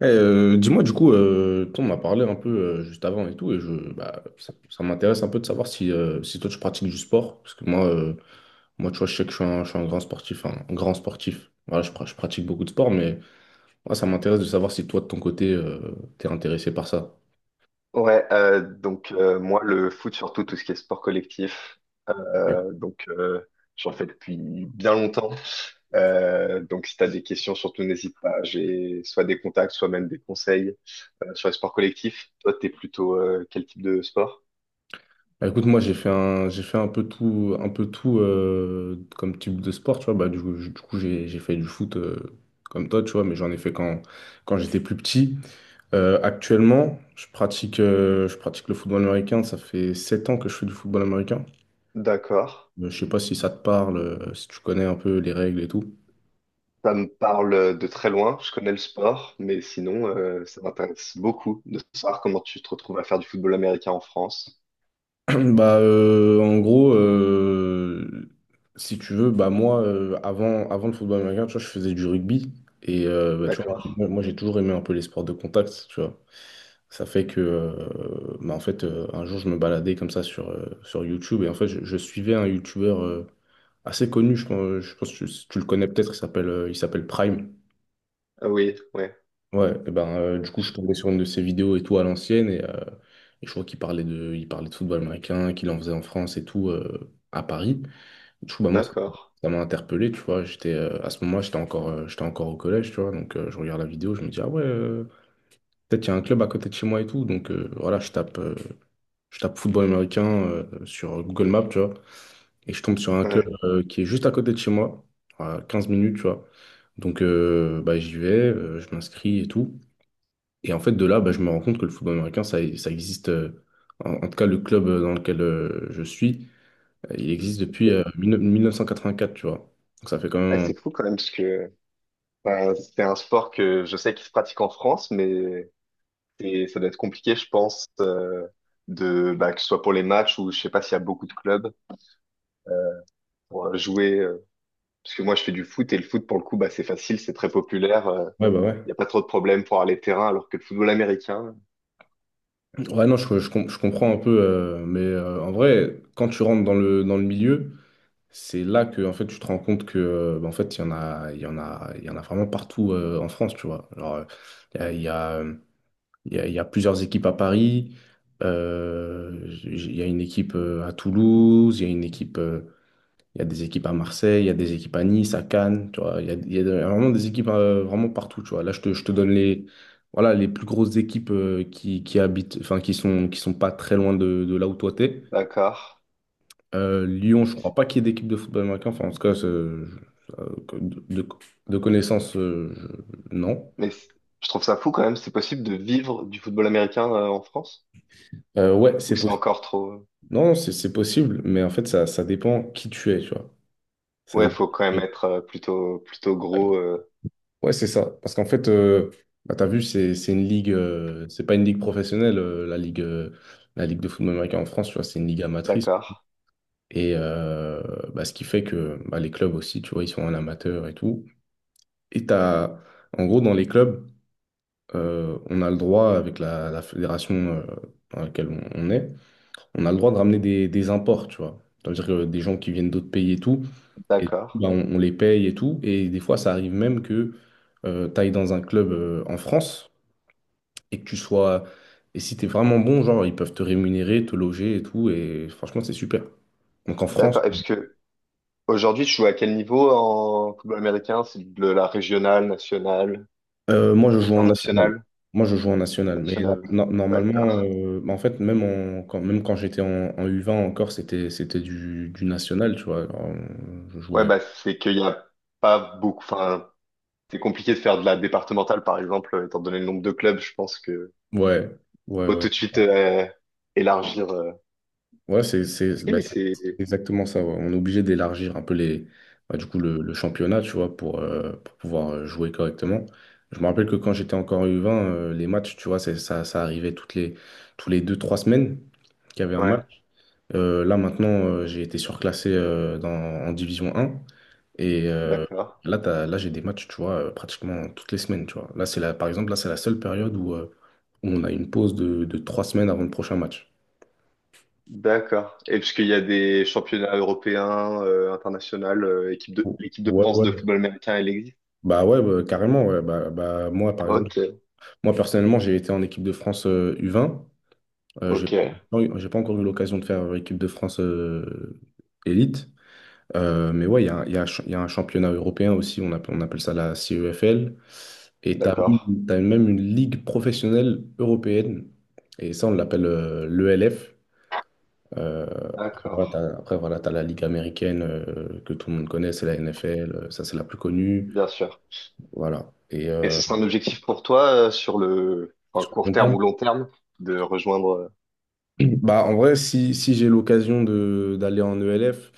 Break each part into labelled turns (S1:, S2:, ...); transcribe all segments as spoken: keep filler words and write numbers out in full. S1: Eh, euh, dis-moi du coup, euh, on m'a parlé un peu euh, juste avant et tout, et je, bah, ça, ça m'intéresse un peu de savoir si, euh, si toi tu pratiques du sport, parce que moi, euh, moi tu vois, je sais que je suis un, je suis un grand sportif, hein, un grand sportif. Voilà, je, pra- je pratique beaucoup de sport, mais moi ça m'intéresse de savoir si toi de ton côté, euh, t'es intéressé par ça.
S2: Ouais, euh, donc euh, moi le foot, surtout tout ce qui est sport collectif. euh, donc euh, J'en fais depuis bien longtemps. Euh, donc si t'as des questions surtout n'hésite pas, j'ai soit des contacts, soit même des conseils euh, sur les sports collectifs. Toi t'es plutôt euh, quel type de sport?
S1: Bah, écoute, moi j'ai fait un, j'ai fait un peu tout, un peu tout euh, comme type de sport, tu vois. Bah, du coup, j- du coup, j'ai j'ai fait du foot euh, comme toi, tu vois, mais j'en ai fait quand, quand j'étais plus petit. Euh, actuellement, je pratique, euh, je pratique le football américain. Ça fait sept ans que je fais du football américain.
S2: D'accord,
S1: Euh, Je sais pas si ça te parle, euh, si tu connais un peu les règles et tout.
S2: ça me parle de très loin. Je connais le sport, mais sinon euh, ça m'intéresse beaucoup de savoir comment tu te retrouves à faire du football américain en France.
S1: Bah, euh, en gros, euh, Si tu veux, bah moi, euh, avant, avant le football américain, tu vois, je faisais du rugby. Et euh, bah, tu vois,
S2: D'accord.
S1: moi, moi, j'ai toujours aimé un peu les sports de contact, tu vois. Ça fait que, euh, bah, en fait, euh, un jour, je me baladais comme ça sur, euh, sur YouTube. Et en fait, je, je suivais un YouTuber euh, assez connu, je pense, je pense que tu, tu le connais peut-être, il s'appelle euh, il s'appelle Prime.
S2: Ah oui, ouais.
S1: Ouais, et ben, euh, du coup, je
S2: Je-
S1: suis tombé sur une de ses vidéos et tout à l'ancienne, et, euh, et je crois qu'il parlait de, il parlait de football américain, qu'il en faisait en France et tout, euh, à Paris. Du coup, bah, moi, ça,
S2: D'accord.
S1: ça m'a interpellé, tu vois. J'étais, euh, à ce moment-là, j'étais encore, euh, j'étais encore au collège, tu vois. Donc, euh, je regarde la vidéo, je me dis, ah ouais, euh, peut-être qu'il y a un club à côté de chez moi et tout. Donc, euh, voilà, je tape, euh, je tape football américain, euh, sur Google Maps, tu vois. Et je tombe sur un club,
S2: Ouais.
S1: euh, qui est juste à côté de chez moi, à quinze minutes, tu vois. Donc, euh, bah, j'y vais, euh, je m'inscris et tout. Et en fait, de là, bah, je me rends compte que le football américain, ça, ça existe, euh, en, en tout cas le club euh, dans lequel euh, je suis, euh, il existe depuis euh, 19- mille neuf cent quatre-vingt-quatre, tu vois. Donc ça fait quand
S2: Ah,
S1: même...
S2: c'est fou quand même, parce que enfin, c'est un sport que je sais qu'il se pratique en France, mais c'est- ça doit être compliqué, je pense, euh, de, bah, que ce soit pour les matchs ou je sais pas s'il y a beaucoup de clubs euh, pour jouer. Euh, parce que moi, je fais du foot et le foot, pour le coup, bah, c'est facile, c'est très populaire. euh,
S1: Ouais, bah
S2: Il
S1: ouais.
S2: n'y a pas trop de problèmes pour aller terrain, alors que le football américain,
S1: Ouais, non, je, je com- je comprends un peu, euh, mais euh, en vrai, quand tu rentres dans le, dans le milieu, c'est là que en fait, tu te rends compte que euh, bah, en fait, il y en a, il y en a, il y en a vraiment partout euh, en France, tu vois. Genre, euh, il y a, il y a, euh, il y a- il y a plusieurs équipes à Paris, euh, j- il y a une équipe euh, à Toulouse, il y a une équipe euh, il y a des équipes à Marseille, il y a des équipes à Nice, à Cannes, tu vois. Il y a, il y a de- vraiment des équipes euh, vraiment partout, tu vois. Là, je te, je te donne les, voilà, les plus grosses équipes euh, qui, qui habitent, enfin, qui sont, qui sont pas très loin de, de là où toi t'es.
S2: d'accord.
S1: Euh, Lyon,
S2: Mais,
S1: je
S2: c'est-
S1: crois pas qu'il y ait d'équipe de football américain. Enfin, en tout cas, c'est- euh, que- de, de de connaissance, euh, je- non.
S2: mais c'est- je trouve ça fou quand même, c'est possible de vivre du football américain euh, en France?
S1: Euh, ouais,
S2: Ou
S1: c'est
S2: c'est
S1: possible.
S2: encore trop... euh,
S1: Non, c'est c'est possible, mais en fait, ça, ça dépend qui tu es, tu vois. Ça
S2: Ouais,
S1: dépend
S2: faut quand même
S1: qui tu
S2: être euh, plutôt, plutôt
S1: es.
S2: gros. Euh,
S1: Ouais, c'est ça. Parce qu'en fait, euh, bah, t'as vu, c'est c'est une ligue, euh, c'est pas une ligue professionnelle, euh, la ligue, euh, la ligue de football américain en France, tu vois, c'est une ligue amatrice.
S2: d'accord,
S1: Et euh, bah, ce qui fait que bah, les clubs aussi, tu vois, ils sont en amateur et tout. Et t'as, en gros, dans les clubs, euh, on a le droit, avec la, la fédération euh, dans laquelle on, on est, on a le droit de ramener des, des imports, tu vois. C'est-à-dire que des gens qui viennent d'autres pays et tout. Et du coup,
S2: d'accord.
S1: bah, on, on les paye et tout. Et des fois, ça arrive même que tu ailles dans un club euh, en France et que tu sois. Et si tu es vraiment bon, genre, ils peuvent te rémunérer, te loger et tout. Et franchement, c'est super. Donc en France,
S2: D'accord. Et parce que aujourd'hui, tu joues à quel niveau en football américain? C'est de la régionale, nationale,
S1: euh, moi, je joue en national.
S2: internationale,
S1: Moi, je joue en national. Mais no-
S2: nationale.
S1: no-
S2: D'accord.
S1: normalement, euh, bah, en fait, même, en- quand, même quand j'étais en, en U vingt encore, c'était, c'était du, du national, tu vois. Alors, euh, je
S2: Ouais,
S1: jouais.
S2: bah c'est qu'il y a pas beaucoup. Enfin, c'est compliqué de faire de la départementale, par exemple, euh, étant donné le nombre de clubs. Je pense que
S1: Ouais, ouais,
S2: faut
S1: ouais.
S2: tout de suite euh, élargir. euh.
S1: Ouais, c'est c'est-
S2: Ok,
S1: bah,
S2: mais
S1: c'est
S2: c'est
S1: exactement ça. Ouais. On est obligé d'élargir un peu les, bah, du coup, le, le championnat, tu vois, pour, euh, pour pouvoir euh, jouer correctement. Je me rappelle que quand j'étais encore U vingt, euh, les matchs, tu vois, c'est- ça, ça arrivait toutes les, tous les deux, trois semaines qu'il y avait un match.
S2: ouais,
S1: Euh, là, maintenant, euh, j'ai été surclassé euh, dans, en Division un. Et euh,
S2: d'accord,
S1: là, t'as- là, j'ai des matchs, tu vois, euh, pratiquement toutes les semaines, tu vois. Là, c'est la, par exemple, là, c'est la seule période où, euh, où on a une pause de, de trois semaines avant le prochain match.
S2: d'accord. Et parce qu'il y a des championnats européens, euh, internationaux, euh, équipe de l'équipe de
S1: Ouais,
S2: France de
S1: ouais.
S2: football américain, elle existe.
S1: Bah ouais, bah, carrément, ouais. Bah, bah, moi, par exemple,
S2: Ok,
S1: moi personnellement, j'ai été en équipe de France euh, U vingt. Euh, j'ai
S2: ok,
S1: pas, j'ai pas encore eu l'occasion de faire euh, équipe de France euh, élite. Euh, mais ouais, il y a, un il y a un ch- il y a un championnat européen aussi, on appelle, on appelle ça la C E F L. Et t'as,
S2: d'accord,
S1: même t'as même une ligue professionnelle européenne. Et ça, on l'appelle l'E L F. Après,
S2: d'accord.
S1: voilà, t'as, après, voilà, t'as la ligue américaine euh, que tout le monde connaît, c'est la N F L. euh, Ça, c'est la plus connue.
S2: Bien sûr.
S1: Voilà. Et,
S2: Et ce
S1: euh,
S2: sera un objectif pour toi euh, sur le enfin,
S1: sur le
S2: court
S1: long
S2: terme
S1: terme,
S2: ou long terme de rejoindre. euh,
S1: bah, en vrai, si, si j'ai l'occasion de d'aller en E L F,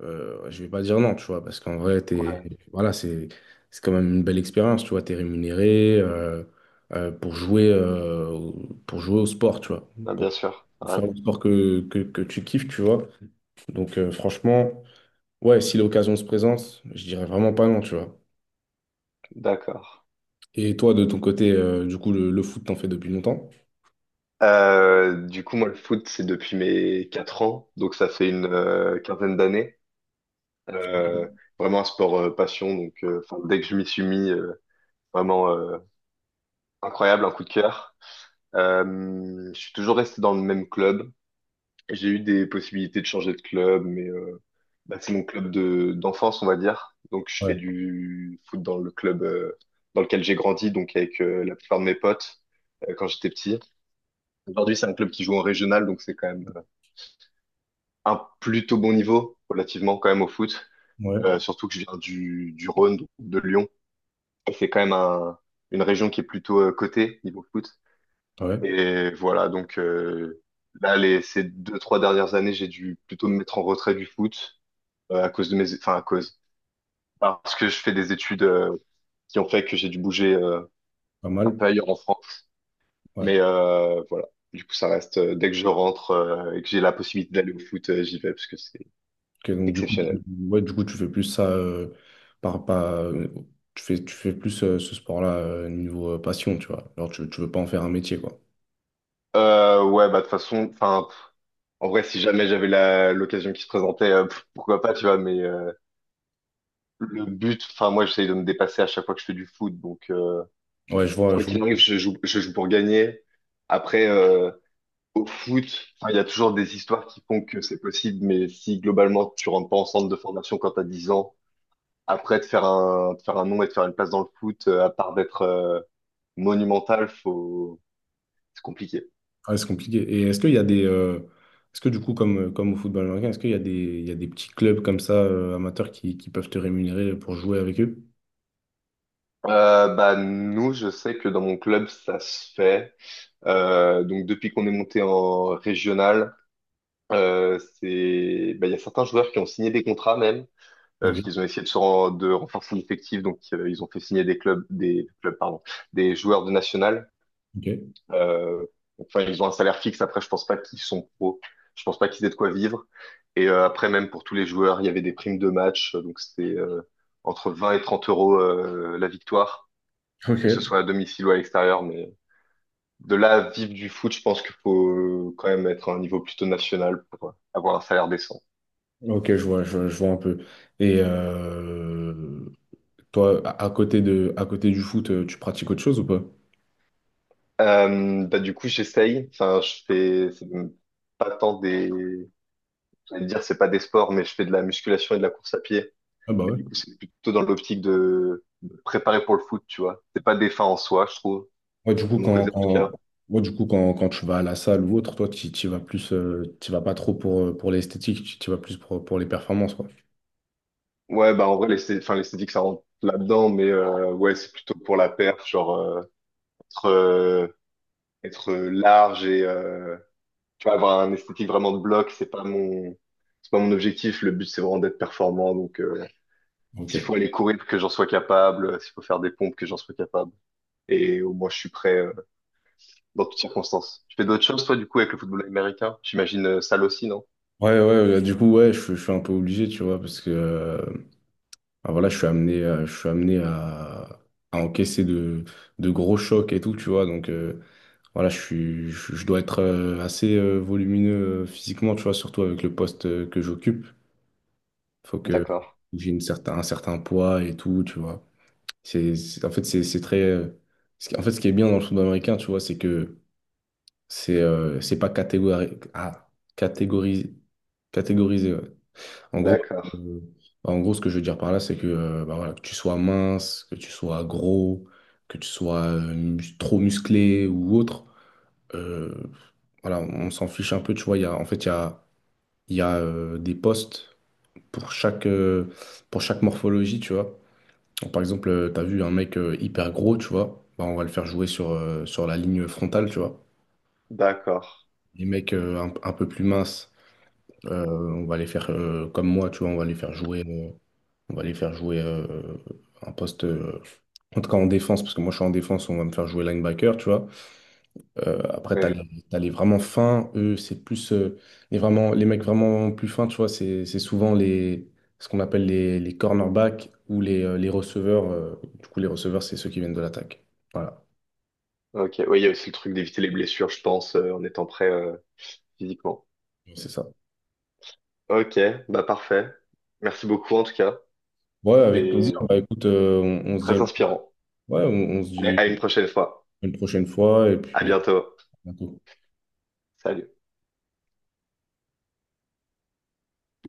S1: euh, je vais pas dire non, tu vois, parce qu'en vrai, t'es,
S2: Ouais,
S1: voilà, c'est c'est quand même une belle expérience, tu vois, t'es rémunéré euh, euh, pour jouer euh, au- pour jouer au sport, tu vois,
S2: ah,
S1: pour
S2: bien sûr.
S1: faire le
S2: Ouais,
S1: sport que, que, que tu kiffes, tu vois. Donc euh, franchement, ouais, si l'occasion se présente, je dirais vraiment pas non, tu vois.
S2: d'accord.
S1: Et toi, de ton côté, euh, du coup, le, le foot, t'en fais depuis longtemps?
S2: Euh, du coup, moi, le foot, c'est depuis mes quatre ans, donc ça fait une euh, quinzaine d'années. Euh, vraiment un sport euh, passion, donc euh, enfin, dès que je m'y suis mis, euh, vraiment euh, incroyable, un coup de cœur. Euh, je suis toujours resté dans le même club. J'ai eu des possibilités de changer de club, mais euh, bah, c'est mon club de d'enfance, on va dire. Donc je fais
S1: Ouais,
S2: du foot dans le club euh, dans lequel j'ai grandi, donc avec euh, la plupart de mes potes euh, quand j'étais petit. Aujourd'hui, c'est un club qui joue en régional, donc c'est quand même euh, un plutôt bon niveau relativement quand même au foot. Euh,
S1: ouais,
S2: surtout que je viens du, du Rhône, donc de Lyon. Et C'est quand même un- une région qui est plutôt euh, cotée niveau foot.
S1: ouais,
S2: Et voilà, donc euh, là, les, ces deux, trois dernières années, j'ai dû plutôt me mettre en retrait du foot euh, à cause de mes, enfin à cause, parce que je fais des études euh, qui ont fait que j'ai dû bouger euh,
S1: pas
S2: un
S1: mal.
S2: peu ailleurs en France.
S1: Ouais.
S2: Mais euh, voilà, du coup ça reste, euh, dès que je rentre euh, et que j'ai la possibilité d'aller au foot, euh, j'y vais parce que c'est
S1: Ok, donc du coup, tu,
S2: exceptionnel.
S1: ouais, du coup, tu fais plus ça euh, par, par- euh, tu fais, tu fais plus euh, ce sport-là euh, niveau euh, passion, tu vois. Alors tu, tu veux pas en faire un métier, quoi.
S2: Euh, ouais, bah de toute façon, enfin pff, en vrai si jamais j'avais la l'occasion qui se présentait, euh, pff, pourquoi pas, tu vois. Mais euh, le but, enfin moi j'essaye de me dépasser à chaque fois que je fais du foot, donc euh,
S1: Ouais, je vois,
S2: quoi
S1: je vois.
S2: qu'il arrive, je joue, je joue pour gagner. Après, euh, Au foot, enfin, il y a toujours des histoires qui font que c'est possible, mais si globalement tu rentres pas en centre de formation quand t'as dix ans, après de faire un, de faire un nom et de faire une place dans le foot, euh, à part d'être euh, monumental, faut... c'est compliqué.
S1: Ouais, c'est compliqué. Et est-ce qu'il y a des, euh, est-ce que du coup, comme, euh, comme au football américain, est-ce qu'il y a des, il y a des petits clubs comme ça euh, amateurs qui, qui peuvent te rémunérer pour jouer avec eux?
S2: Euh, bah, nous, je sais que dans mon club, ça se fait. Euh, donc depuis qu'on est monté en régional, euh, c'est, bah, il y a certains joueurs qui ont signé des contrats même. Euh, parce
S1: Ok,
S2: qu'ils ont essayé de se ren- de renforcer l'effectif, donc euh, ils ont fait signer des clubs, des clubs, pardon, des joueurs de national.
S1: ok,
S2: Euh, enfin, ils ont un salaire fixe. Après, je pense pas qu'ils sont pro. Je pense pas qu'ils aient de quoi vivre. Et euh, après, même pour tous les joueurs, il y avait des primes de match. Donc, c'était euh, entre vingt et trente euros euh, la victoire,
S1: ok,
S2: que ce soit à domicile ou à l'extérieur. Mais de là à vivre du foot, je pense qu'il faut quand même être à un niveau plutôt national pour euh, avoir un salaire décent.
S1: ok, je vois, je, vois je vois un peu. Et euh, toi, à à côté de, à côté du foot, euh, tu pratiques autre chose ou pas?
S2: Euh, bah, du coup, j'essaye. Enfin, je fais c'est pas tant des. J'allais dire, c'est pas des sports, mais je fais de la musculation et de la course à pied.
S1: Ah bah
S2: Mais
S1: ouais.
S2: du coup, c'est plutôt dans l'optique de de préparer pour le foot, tu vois. C'est pas des fins en soi, je trouve,
S1: Ouais, du coup,
S2: de mon
S1: quand,
S2: côté en tout
S1: quand,
S2: cas.
S1: ouais, du coup, quand, quand tu vas à la salle ou autre, toi, tu tu y vas plus, euh, tu y vas pas trop pour, euh, pour l'esthétique, tu tu y vas plus pour, pour les performances, quoi.
S2: Ouais, bah en vrai, l'esthé- enfin, l'esthétique, ça rentre là-dedans, mais euh, ouais, c'est plutôt pour la perf, genre euh, être, euh, être large et euh, tu vois, avoir un esthétique vraiment de bloc, c'est pas mon, c'est pas mon objectif. Le but, c'est vraiment d'être performant. Donc, euh, s'il
S1: Ok.
S2: faut aller courir, que j'en sois capable, euh, s'il faut faire des pompes, que j'en sois capable. Et au moins, je suis prêt euh, dans toutes circonstances. Tu fais d'autres choses, toi, du coup, avec le football américain? J'imagine euh, salle aussi, non?
S1: Ouais, ouais, euh, du coup, ouais, je, suis je suis un peu obligé, tu vois, parce que euh, ah, voilà, je suis amené, à- je suis amené à, à encaisser de, de gros chocs et tout, tu vois, donc euh, voilà, je suis, je, je dois être euh, assez euh, volumineux euh, physiquement, tu vois, surtout avec le poste euh, que j'occupe. Faut que
S2: D'accord,
S1: j'ai une certain, un certain poids et tout, tu vois. C'est, c'est- en fait, c'est c'est très. Euh, ce qui- En fait, ce qui est bien dans le football américain, tu vois, c'est que c'est euh, c'est pas catégori- ah, catégorisé. Catégorisé, ouais. En gros,
S2: d'accord,
S1: euh, En gros, ce que je veux dire par là, c'est que, euh, bah voilà, que tu sois mince, que tu sois gros, que tu sois euh, mus- trop musclé ou autre, euh, voilà, on s'en fiche un peu, tu vois. Il y a, en fait, il y a, il y a euh, des postes pour chaque, euh, pour chaque morphologie, tu vois. Donc, par exemple, euh, t'as vu un mec euh, hyper gros, tu vois, bah, on va le faire jouer sur, euh, sur la ligne frontale, tu vois.
S2: d'accord.
S1: Les mecs euh, un, un peu plus minces, euh, on va les faire euh, comme moi, tu vois, on va les faire jouer, euh, on va les faire jouer euh, un poste, euh, en tout cas en défense, parce que moi je suis en défense, on va me faire jouer linebacker, tu vois. Euh, après, t'as les,
S2: Ouais,
S1: t'as les vraiment fins, eux, c'est plus euh, les, vraiment, les mecs vraiment plus fins, tu vois, c'est c'est souvent les, ce qu'on appelle les, les cornerbacks ou les, euh, les receveurs. Euh, du coup, les receveurs, c'est ceux qui viennent de l'attaque. Voilà,
S2: ok. Oui, il y a aussi le truc d'éviter les blessures, je pense, euh, en étant prêt euh, physiquement.
S1: c'est ça.
S2: Ok, bah parfait. Merci beaucoup en tout cas.
S1: Ouais, avec plaisir.
S2: C'est
S1: Bah écoute, euh, on, on se dit, à
S2: très
S1: une-
S2: inspirant.
S1: ouais, on, on se
S2: Mais
S1: dit
S2: à une prochaine fois.
S1: à une prochaine fois et
S2: À
S1: puis à
S2: bientôt.
S1: bientôt.
S2: Salut.